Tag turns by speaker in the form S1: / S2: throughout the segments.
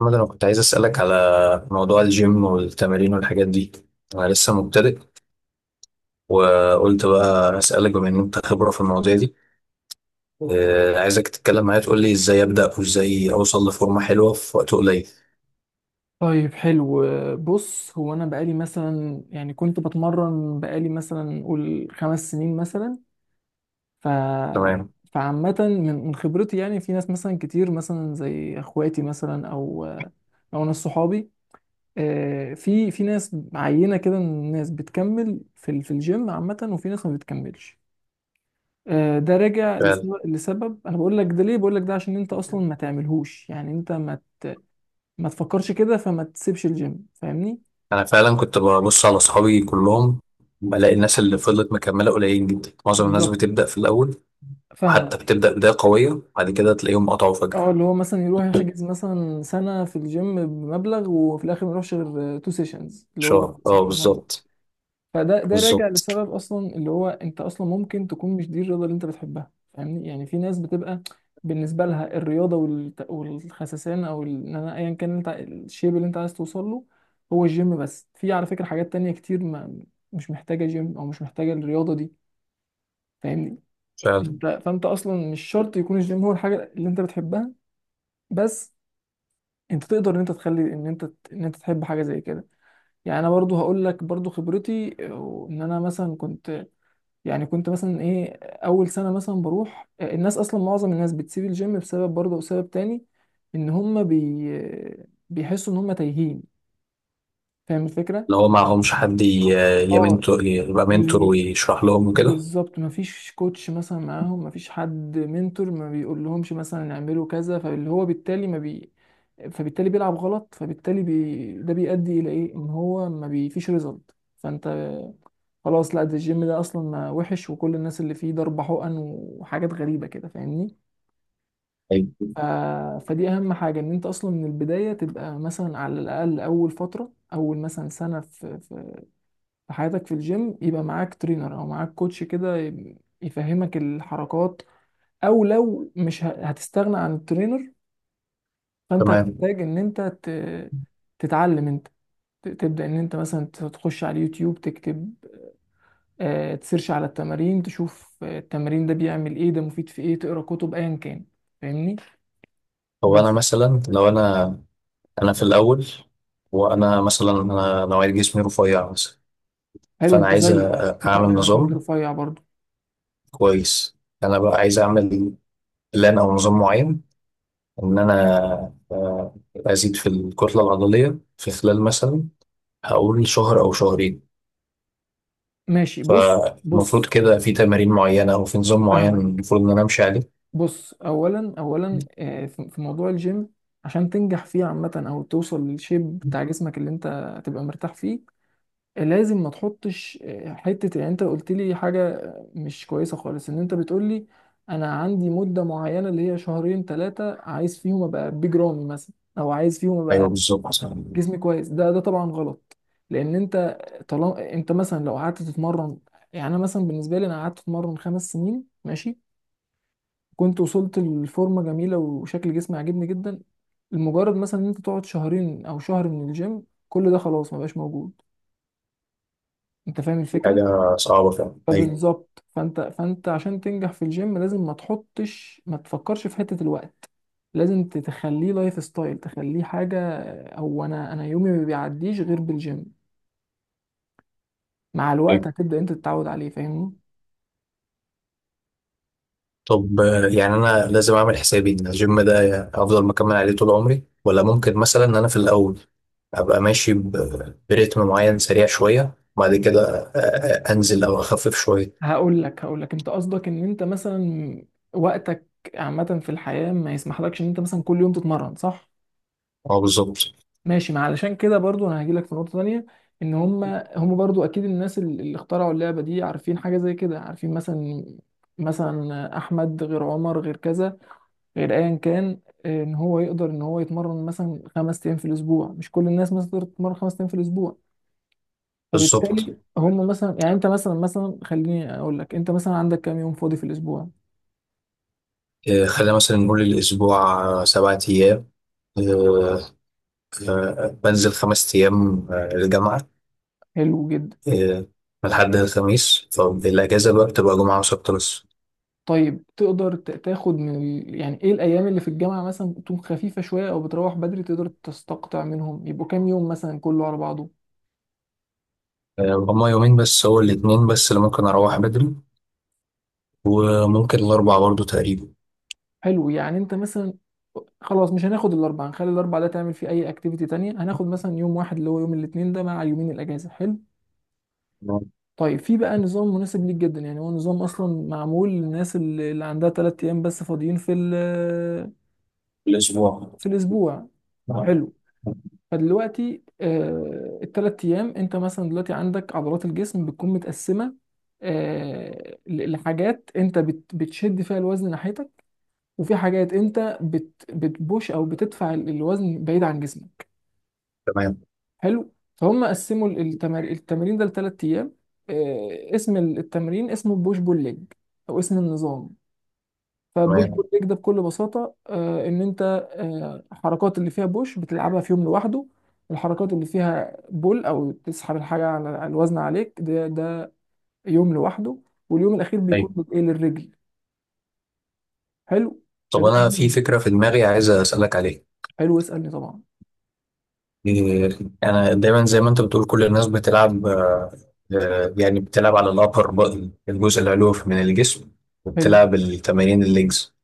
S1: محمد، أنا كنت عايز أسألك على موضوع الجيم والتمارين والحاجات دي. أنا لسه مبتدئ وقلت بقى أسألك بما إن أنت خبرة في المواضيع دي. عايزك تتكلم معايا تقول لي إزاي أبدأ وإزاي أوصل لفورمة حلوة في وقت قليل.
S2: طيب، حلو. بص، هو انا بقالي مثلا يعني كنت بتمرن بقالي مثلا قول خمس سنين مثلا. ف
S1: تمام.
S2: فعامة من خبرتي، يعني في ناس مثلا كتير مثلا زي اخواتي مثلا او ناس صحابي. في ناس عينة كده من الناس بتكمل في الجيم عامة، وفي ناس ما بتكملش. ده راجع
S1: فعلا.
S2: لسبب. انا بقول لك ده ليه؟ بقول لك ده عشان انت اصلا ما تعملهوش، يعني انت ما تفكرش كده، فما تسيبش الجيم، فاهمني.
S1: أنا فعلا كنت ببص على أصحابي كلهم، بلاقي الناس اللي فضلت مكملة قليلين جدا، معظم الناس
S2: بالظبط،
S1: بتبدأ في الأول
S2: فاهمك.
S1: وحتى بتبدأ بداية قوية بعد كده تلاقيهم قطعوا
S2: اه،
S1: فجأة.
S2: اللي هو مثلا يروح يحجز مثلا سنة في الجيم بمبلغ، وفي الآخر ما يروحش غير تو سيشنز اللي هو
S1: شهر، أه
S2: سبحان الله.
S1: بالظبط.
S2: فده راجع
S1: بالظبط.
S2: لسبب أصلا، اللي هو أنت أصلا ممكن تكون مش دي الرياضة اللي أنت بتحبها، فاهمني. يعني في ناس بتبقى بالنسبة لها الرياضة والخسسان إن أنا أيا كان أنت الشيب اللي أنت عايز توصل له هو الجيم بس. في على فكرة حاجات تانية كتير ما، مش محتاجة جيم أو مش محتاجة الرياضة دي، فاهمني.
S1: فعلا.
S2: فأنت أصلا مش شرط يكون الجيم هو الحاجة اللي أنت بتحبها بس. انت تقدر ان انت تخلي ان انت تحب حاجه زي كده. يعني انا برضو هقول لك برضو خبرتي. ان انا مثلا كنت، يعني كنت مثلا ايه، اول سنه مثلا بروح. الناس اصلا معظم الناس بتسيب الجيم بسبب برضو، وسبب تاني ان هم بيحسوا ان هم تايهين، فاهم الفكره.
S1: اللي هو معهمش حد
S2: اه
S1: يمنتور، يبقى منتور ويشرح لهم وكده.
S2: بالظبط، مفيش كوتش مثلا معاهم، مفيش حد منتور ما بيقول لهمش مثلا اعملوا كذا، فاللي هو بالتالي ما بي فبالتالي بيلعب غلط، ده بيؤدي الى ايه، ان هو ما بي- فيش ريزلت، فانت خلاص، لا ده الجيم ده اصلا ما وحش، وكل الناس اللي فيه ضرب حقن وحاجات غريبة كده، فاهمني.
S1: أيوة.
S2: ف... فدي اهم حاجة، ان انت اصلا من البداية تبقى مثلا على الاقل اول فترة، اول مثلا سنة في حياتك في الجيم، يبقى معاك ترينر او معاك كوتش كده يفهمك الحركات. او لو مش هتستغنى عن الترينر، فانت
S1: تمام.
S2: هتحتاج ان انت تتعلم انت، تبدأ ان انت مثلا تخش على اليوتيوب، تكتب. تسيرش على التمارين، تشوف التمرين ده بيعمل ايه، ده مفيد في ايه، تقرا كتب، ايا كان، فاهمني
S1: هو أنا
S2: بس.
S1: مثلا لو أنا، أنا في الأول، وأنا مثلا أنا نوعية جسمي رفيع مثلا،
S2: حلو،
S1: فأنا
S2: انت
S1: عايز
S2: زي
S1: أعمل
S2: انا كنت
S1: نظام.
S2: رفيع برضو.
S1: كويس. أنا بقى عايز أعمل بلان أو نظام معين، إن أنا آه، أزيد في الكتلة العضلية في خلال مثلا، هقول شهر أو شهرين.
S2: ماشي، بص
S1: فالمفروض
S2: بص،
S1: كده في تمارين معينة أو في نظام معين
S2: فاهمك.
S1: المفروض إن أنا أمشي عليه.
S2: بص، اولا اولا في موضوع الجيم عشان تنجح فيه عامه، او توصل للشيب بتاع جسمك اللي انت هتبقى مرتاح فيه. لازم ما تحطش حته، يعني انت قلت لي حاجه مش كويسه خالص، ان انت بتقول لي انا عندي مده معينه، اللي هي شهرين ثلاثه، عايز فيهم ابقى بيج رامي مثلا، او عايز فيهم
S1: أيوه
S2: ابقى
S1: بالظبط.
S2: جسمي كويس. ده طبعا غلط. لان انت طالما انت مثلا لو قعدت تتمرن، يعني انا مثلا بالنسبه لي، انا قعدت اتمرن خمس سنين ماشي، كنت وصلت لفورمه جميله، وشكل جسمي عاجبني جدا، لمجرد مثلا ان انت تقعد شهرين او شهر من الجيم، كل ده خلاص ما بقاش موجود. انت فاهم الفكره؟
S1: حاجة صعبة فعلا، أيوة.
S2: فبالظبط، فانت عشان تنجح في الجيم لازم ما تحطش ما تفكرش في حته الوقت، لازم تخليه لايف ستايل، تخليه حاجه. او انا يومي ما بيعديش غير بالجيم. مع الوقت
S1: أيوة.
S2: هتبدا انت تتعود عليه، فاهمني.
S1: طب يعني أنا لازم أعمل حسابي إن الجيم ده أفضل مكمل عليه طول عمري، ولا ممكن مثلا إن أنا في الأول أبقى ماشي برتم معين سريع شوية وبعد كده أنزل أو أخفف شوية؟
S2: هقول لك انت قصدك ان انت مثلا وقتك عامه في الحياه ما يسمحلكش ان انت مثلا كل يوم تتمرن، صح.
S1: أه بالظبط.
S2: ماشي، ما علشان كده برضو انا هجيلك في نقطة تانية. ان هم برضو اكيد الناس اللي اخترعوا اللعبة دي، عارفين حاجة زي كده، عارفين مثلا، مثلا احمد غير عمر غير كذا غير ايا كان، ان هو يقدر ان هو يتمرن مثلا خمس ايام في الاسبوع. مش كل الناس مثلا تقدر تتمرن خمس ايام في الاسبوع،
S1: بالظبط.
S2: فبالتالي هم مثلا، يعني انت مثلا خليني اقول لك، انت مثلا عندك كام يوم فاضي في الاسبوع؟
S1: خلينا مثلا نقول الأسبوع سبعة أيام. آه، بنزل خمس أيام الجامعة،
S2: حلو جدا.
S1: آه، من الحد للخميس، فالأجازة بقى بتبقى جمعة وسبت بس.
S2: طيب، تقدر تاخد من يعني ايه الايام اللي في الجامعه مثلا تكون خفيفه شويه، او بتروح بدري، تقدر تستقطع منهم، يبقوا كام يوم مثلا كله على بعضه؟
S1: هما يومين بس، هو الاتنين بس اللي ممكن أروح بدري، وممكن الأربع برضو تقريبا.
S2: حلو، يعني انت مثلا خلاص، مش هناخد الاربعه، هنخلي الاربعه ده تعمل فيه اي اكتيفيتي تانية، هناخد مثلا يوم واحد اللي هو يوم الاثنين ده مع يومين الاجازه. حلو. طيب في بقى نظام مناسب ليك جدا، يعني هو نظام اصلا معمول للناس اللي عندها ثلاث ايام بس فاضيين في
S1: في الأسبوع.
S2: في الاسبوع.
S1: آه.
S2: حلو. فدلوقتي التلات ايام، انت مثلا دلوقتي عندك عضلات الجسم بتكون متقسمه. لحاجات انت بتشد فيها الوزن ناحيتك، وفي حاجات انت بتبوش او بتدفع الوزن بعيد عن جسمك.
S1: تمام.
S2: حلو، فهم قسموا التمرين ده لتلات ايام. اسم التمرين اسمه بوش بول ليج، او اسم النظام. فبوش
S1: تمام.
S2: بول ليج ده بكل بساطة إن أنت، الحركات اللي فيها بوش بتلعبها في يوم لوحده، الحركات اللي فيها بول أو تسحب الحاجة على الوزن عليك ده يوم لوحده، واليوم الأخير
S1: طيب.
S2: بيكون إيه، للرجل. حلو،
S1: طب
S2: فده أي
S1: أنا في
S2: نسبة.
S1: فكرة في دماغي عايز أسألك عليها.
S2: حلو، اسألني طبعا.
S1: أنا دايما زي ما أنت بتقول كل الناس بتلعب، يعني بتلعب على الأبر بطن، الجزء العلوي من الجسم،
S2: حلو
S1: وبتلعب التمارين الليجز.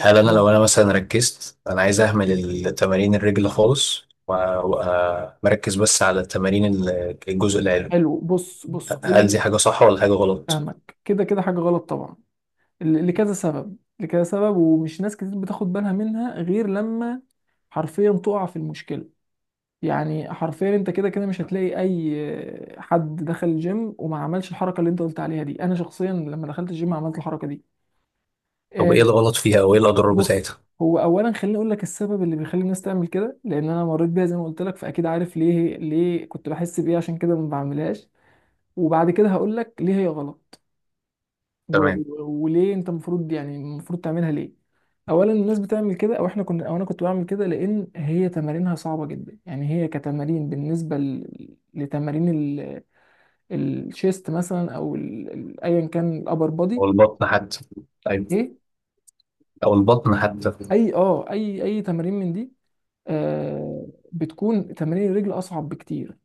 S1: هل أنا
S2: طبعا.
S1: لو أنا مثلا ركزت، أنا عايز أهمل التمارين الرجل خالص ومركز بس على التمارين الجزء العلوي،
S2: حلو، بص بص
S1: هل
S2: كل
S1: دي حاجة صح ولا حاجة غلط؟
S2: فهمك، كده كده حاجة غلط طبعا. لكذا سبب، لكذا سبب. ومش ناس كتير بتاخد بالها منها غير لما حرفيا تقع في المشكلة، يعني حرفيا انت كده كده مش هتلاقي اي حد دخل الجيم وما عملش الحركه اللي انت قلت عليها دي. انا شخصيا لما دخلت الجيم عملت الحركه دي.
S1: طب إيه
S2: آه.
S1: الغلط فيها أو إيه الأضرار
S2: بص،
S1: بتاعتها؟
S2: هو اولا خليني اقول لك السبب اللي بيخلي الناس تعمل كده، لان انا مريت بيها زي ما قلت لك، فاكيد عارف ليه كنت بحس بايه، عشان كده ما بعملهاش، وبعد كده هقول لك ليه هي غلط،
S1: تمام.
S2: وليه انت المفروض، يعني المفروض تعملها ليه. اولا، الناس بتعمل كده، او احنا كنا، او انا كنت بعمل كده، لان هي تمارينها صعبه جدا، يعني هي كتمارين بالنسبه لتمارين الشيست مثلا، او ايا كان الابر
S1: أو
S2: بودي.
S1: البطن حتى. طيب.
S2: ايه
S1: أو البطن حتى.
S2: اي اه اي اي تمارين من دي، آه. بتكون تمارين الرجل اصعب بكتير،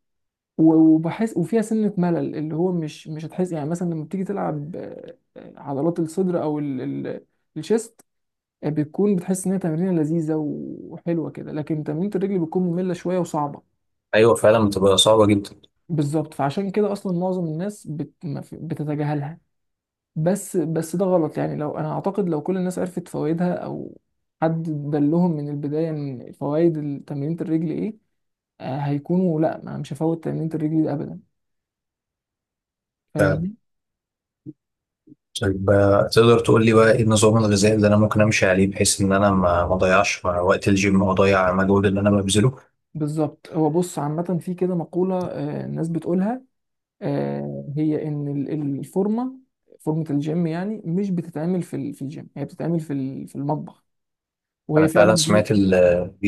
S2: وبحس وفيها سنة ملل، اللي هو مش هتحس، يعني مثلا لما بتيجي تلعب عضلات الصدر، او ال- الشيست، بتكون بتحس ان هي تمرينه لذيذه وحلوه كده، لكن تمرينه الرجل بتكون ممله شويه وصعبه.
S1: أيوه فعلا بتبقى صعبة جدا.
S2: بالظبط، فعشان كده اصلا معظم الناس بت... ما في- بتتجاهلها. بس، بس ده غلط، يعني لو انا اعتقد لو كل الناس عرفت فوائدها، او حد دلهم من البدايه ان فوائد تمرينة الرجل ايه، هيكونوا لا، ما انا مش هفوت تمرينة الرجل دي ابدا، فاهمني.
S1: طيب تقدر تقول لي بقى إيه النظام الغذائي اللي أنا ممكن أمشي عليه، بحيث إن أنا ما أضيعش وقت الجيم وأضيع المجهود اللي أنا ببذله؟
S2: بالظبط. هو بص، عامه في كده مقوله الناس بتقولها، هي ان الفورمه، فورمه الجيم يعني مش بتتعمل في الجيم، هي بتتعمل في المطبخ. وهي
S1: أنا
S2: فعلا
S1: فعلا
S2: دي،
S1: سمعت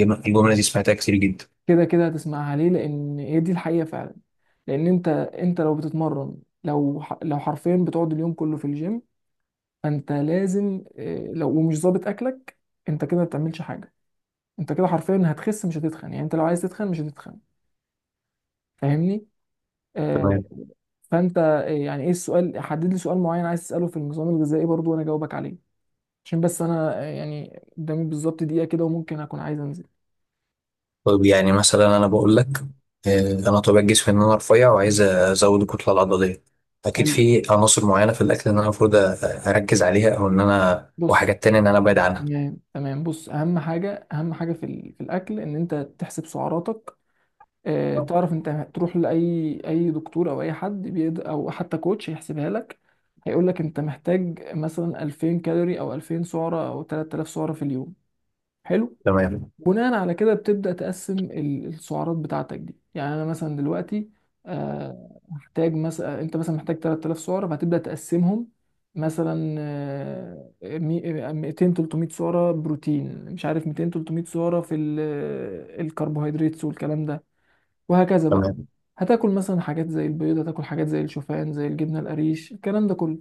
S1: الجملة دي، سمعتها كتير جدا.
S2: كده كده هتسمعها، ليه؟ لان هي دي الحقيقه فعلا، لان انت لو بتتمرن، لو حرفيا بتقعد اليوم كله في الجيم، فانت لازم إيه، لو ومش ظابط اكلك انت كده ما بتعملش حاجه، انت كده حرفيا هتخس، مش هتتخن، يعني انت لو عايز تتخن مش هتتخن، فاهمني، آه.
S1: تمام.
S2: فانت يعني ايه السؤال؟ حدد لي سؤال معين عايز تساله في النظام الغذائي برضو، وانا اجاوبك عليه، عشان بس انا يعني قدامي بالظبط دقيقه كده، وممكن اكون عايز انزل.
S1: طيب يعني مثلا انا بقول لك، انا طبيعة جسمي ان انا رفيع وعايز ازود الكتله العضليه. اكيد
S2: حلو،
S1: في عناصر معينه في الاكل ان انا المفروض اركز عليها، او ان انا
S2: بص،
S1: وحاجات تانية ان انا ابعد عنها.
S2: تمام تمام، بص، اهم حاجه، اهم حاجه في الاكل ان انت تحسب سعراتك. تعرف، انت تروح لاي اي دكتور او اي حد بيد، او حتى كوتش، هيحسبها لك، هيقول لك انت محتاج مثلا 2000 كالوري، او 2000 سعره، او 3000 سعره في اليوم. حلو،
S1: تمام.
S2: بناء على كده بتبدأ تقسم السعرات بتاعتك دي، يعني انا مثلا دلوقتي محتاج مثلا، انت مثلا محتاج 3000 سعرة، فهتبدأ تقسمهم. مثلا 200 300 سعرة بروتين، مش عارف، 200 300 سعرة الكربوهيدرات والكلام ده، وهكذا بقى.
S1: تمام.
S2: هتاكل مثلا حاجات زي البيض، هتاكل حاجات زي الشوفان، زي الجبنة القريش، الكلام ده كله،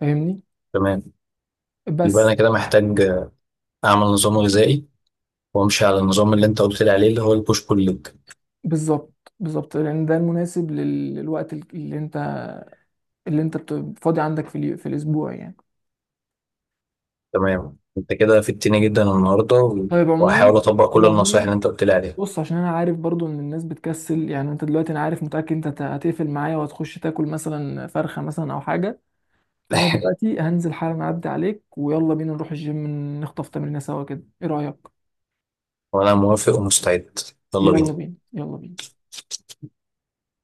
S2: فاهمني
S1: تمام. يبقى
S2: بس.
S1: انا كده محتاج اعمل نظام غذائي وامشي على النظام اللي انت قلت لي عليه اللي هو البوش بول ليج.
S2: بالظبط، بالظبط، لان ده المناسب للوقت اللي انت، اللي انت فاضي عندك في الاسبوع يعني.
S1: تمام، انت كده فدتني جدا النهارده
S2: طيب
S1: وهحاول
S2: عموما.
S1: اطبق كل النصائح
S2: وعموما
S1: اللي انت قلت لي عليها.
S2: بص، عشان انا عارف برضو ان الناس بتكسل، يعني انت دلوقتي، انا عارف متاكد انت هتقفل معايا وهتخش تاكل مثلا فرخه مثلا او حاجه. فانا دلوقتي هنزل حالا اعدي عليك، ويلا بينا نروح الجيم، نخطف تمرينه سوا كده، ايه رايك؟
S1: وانا موافق ومستعد. يلا
S2: يلا
S1: بينا.
S2: بينا، يلا بينا.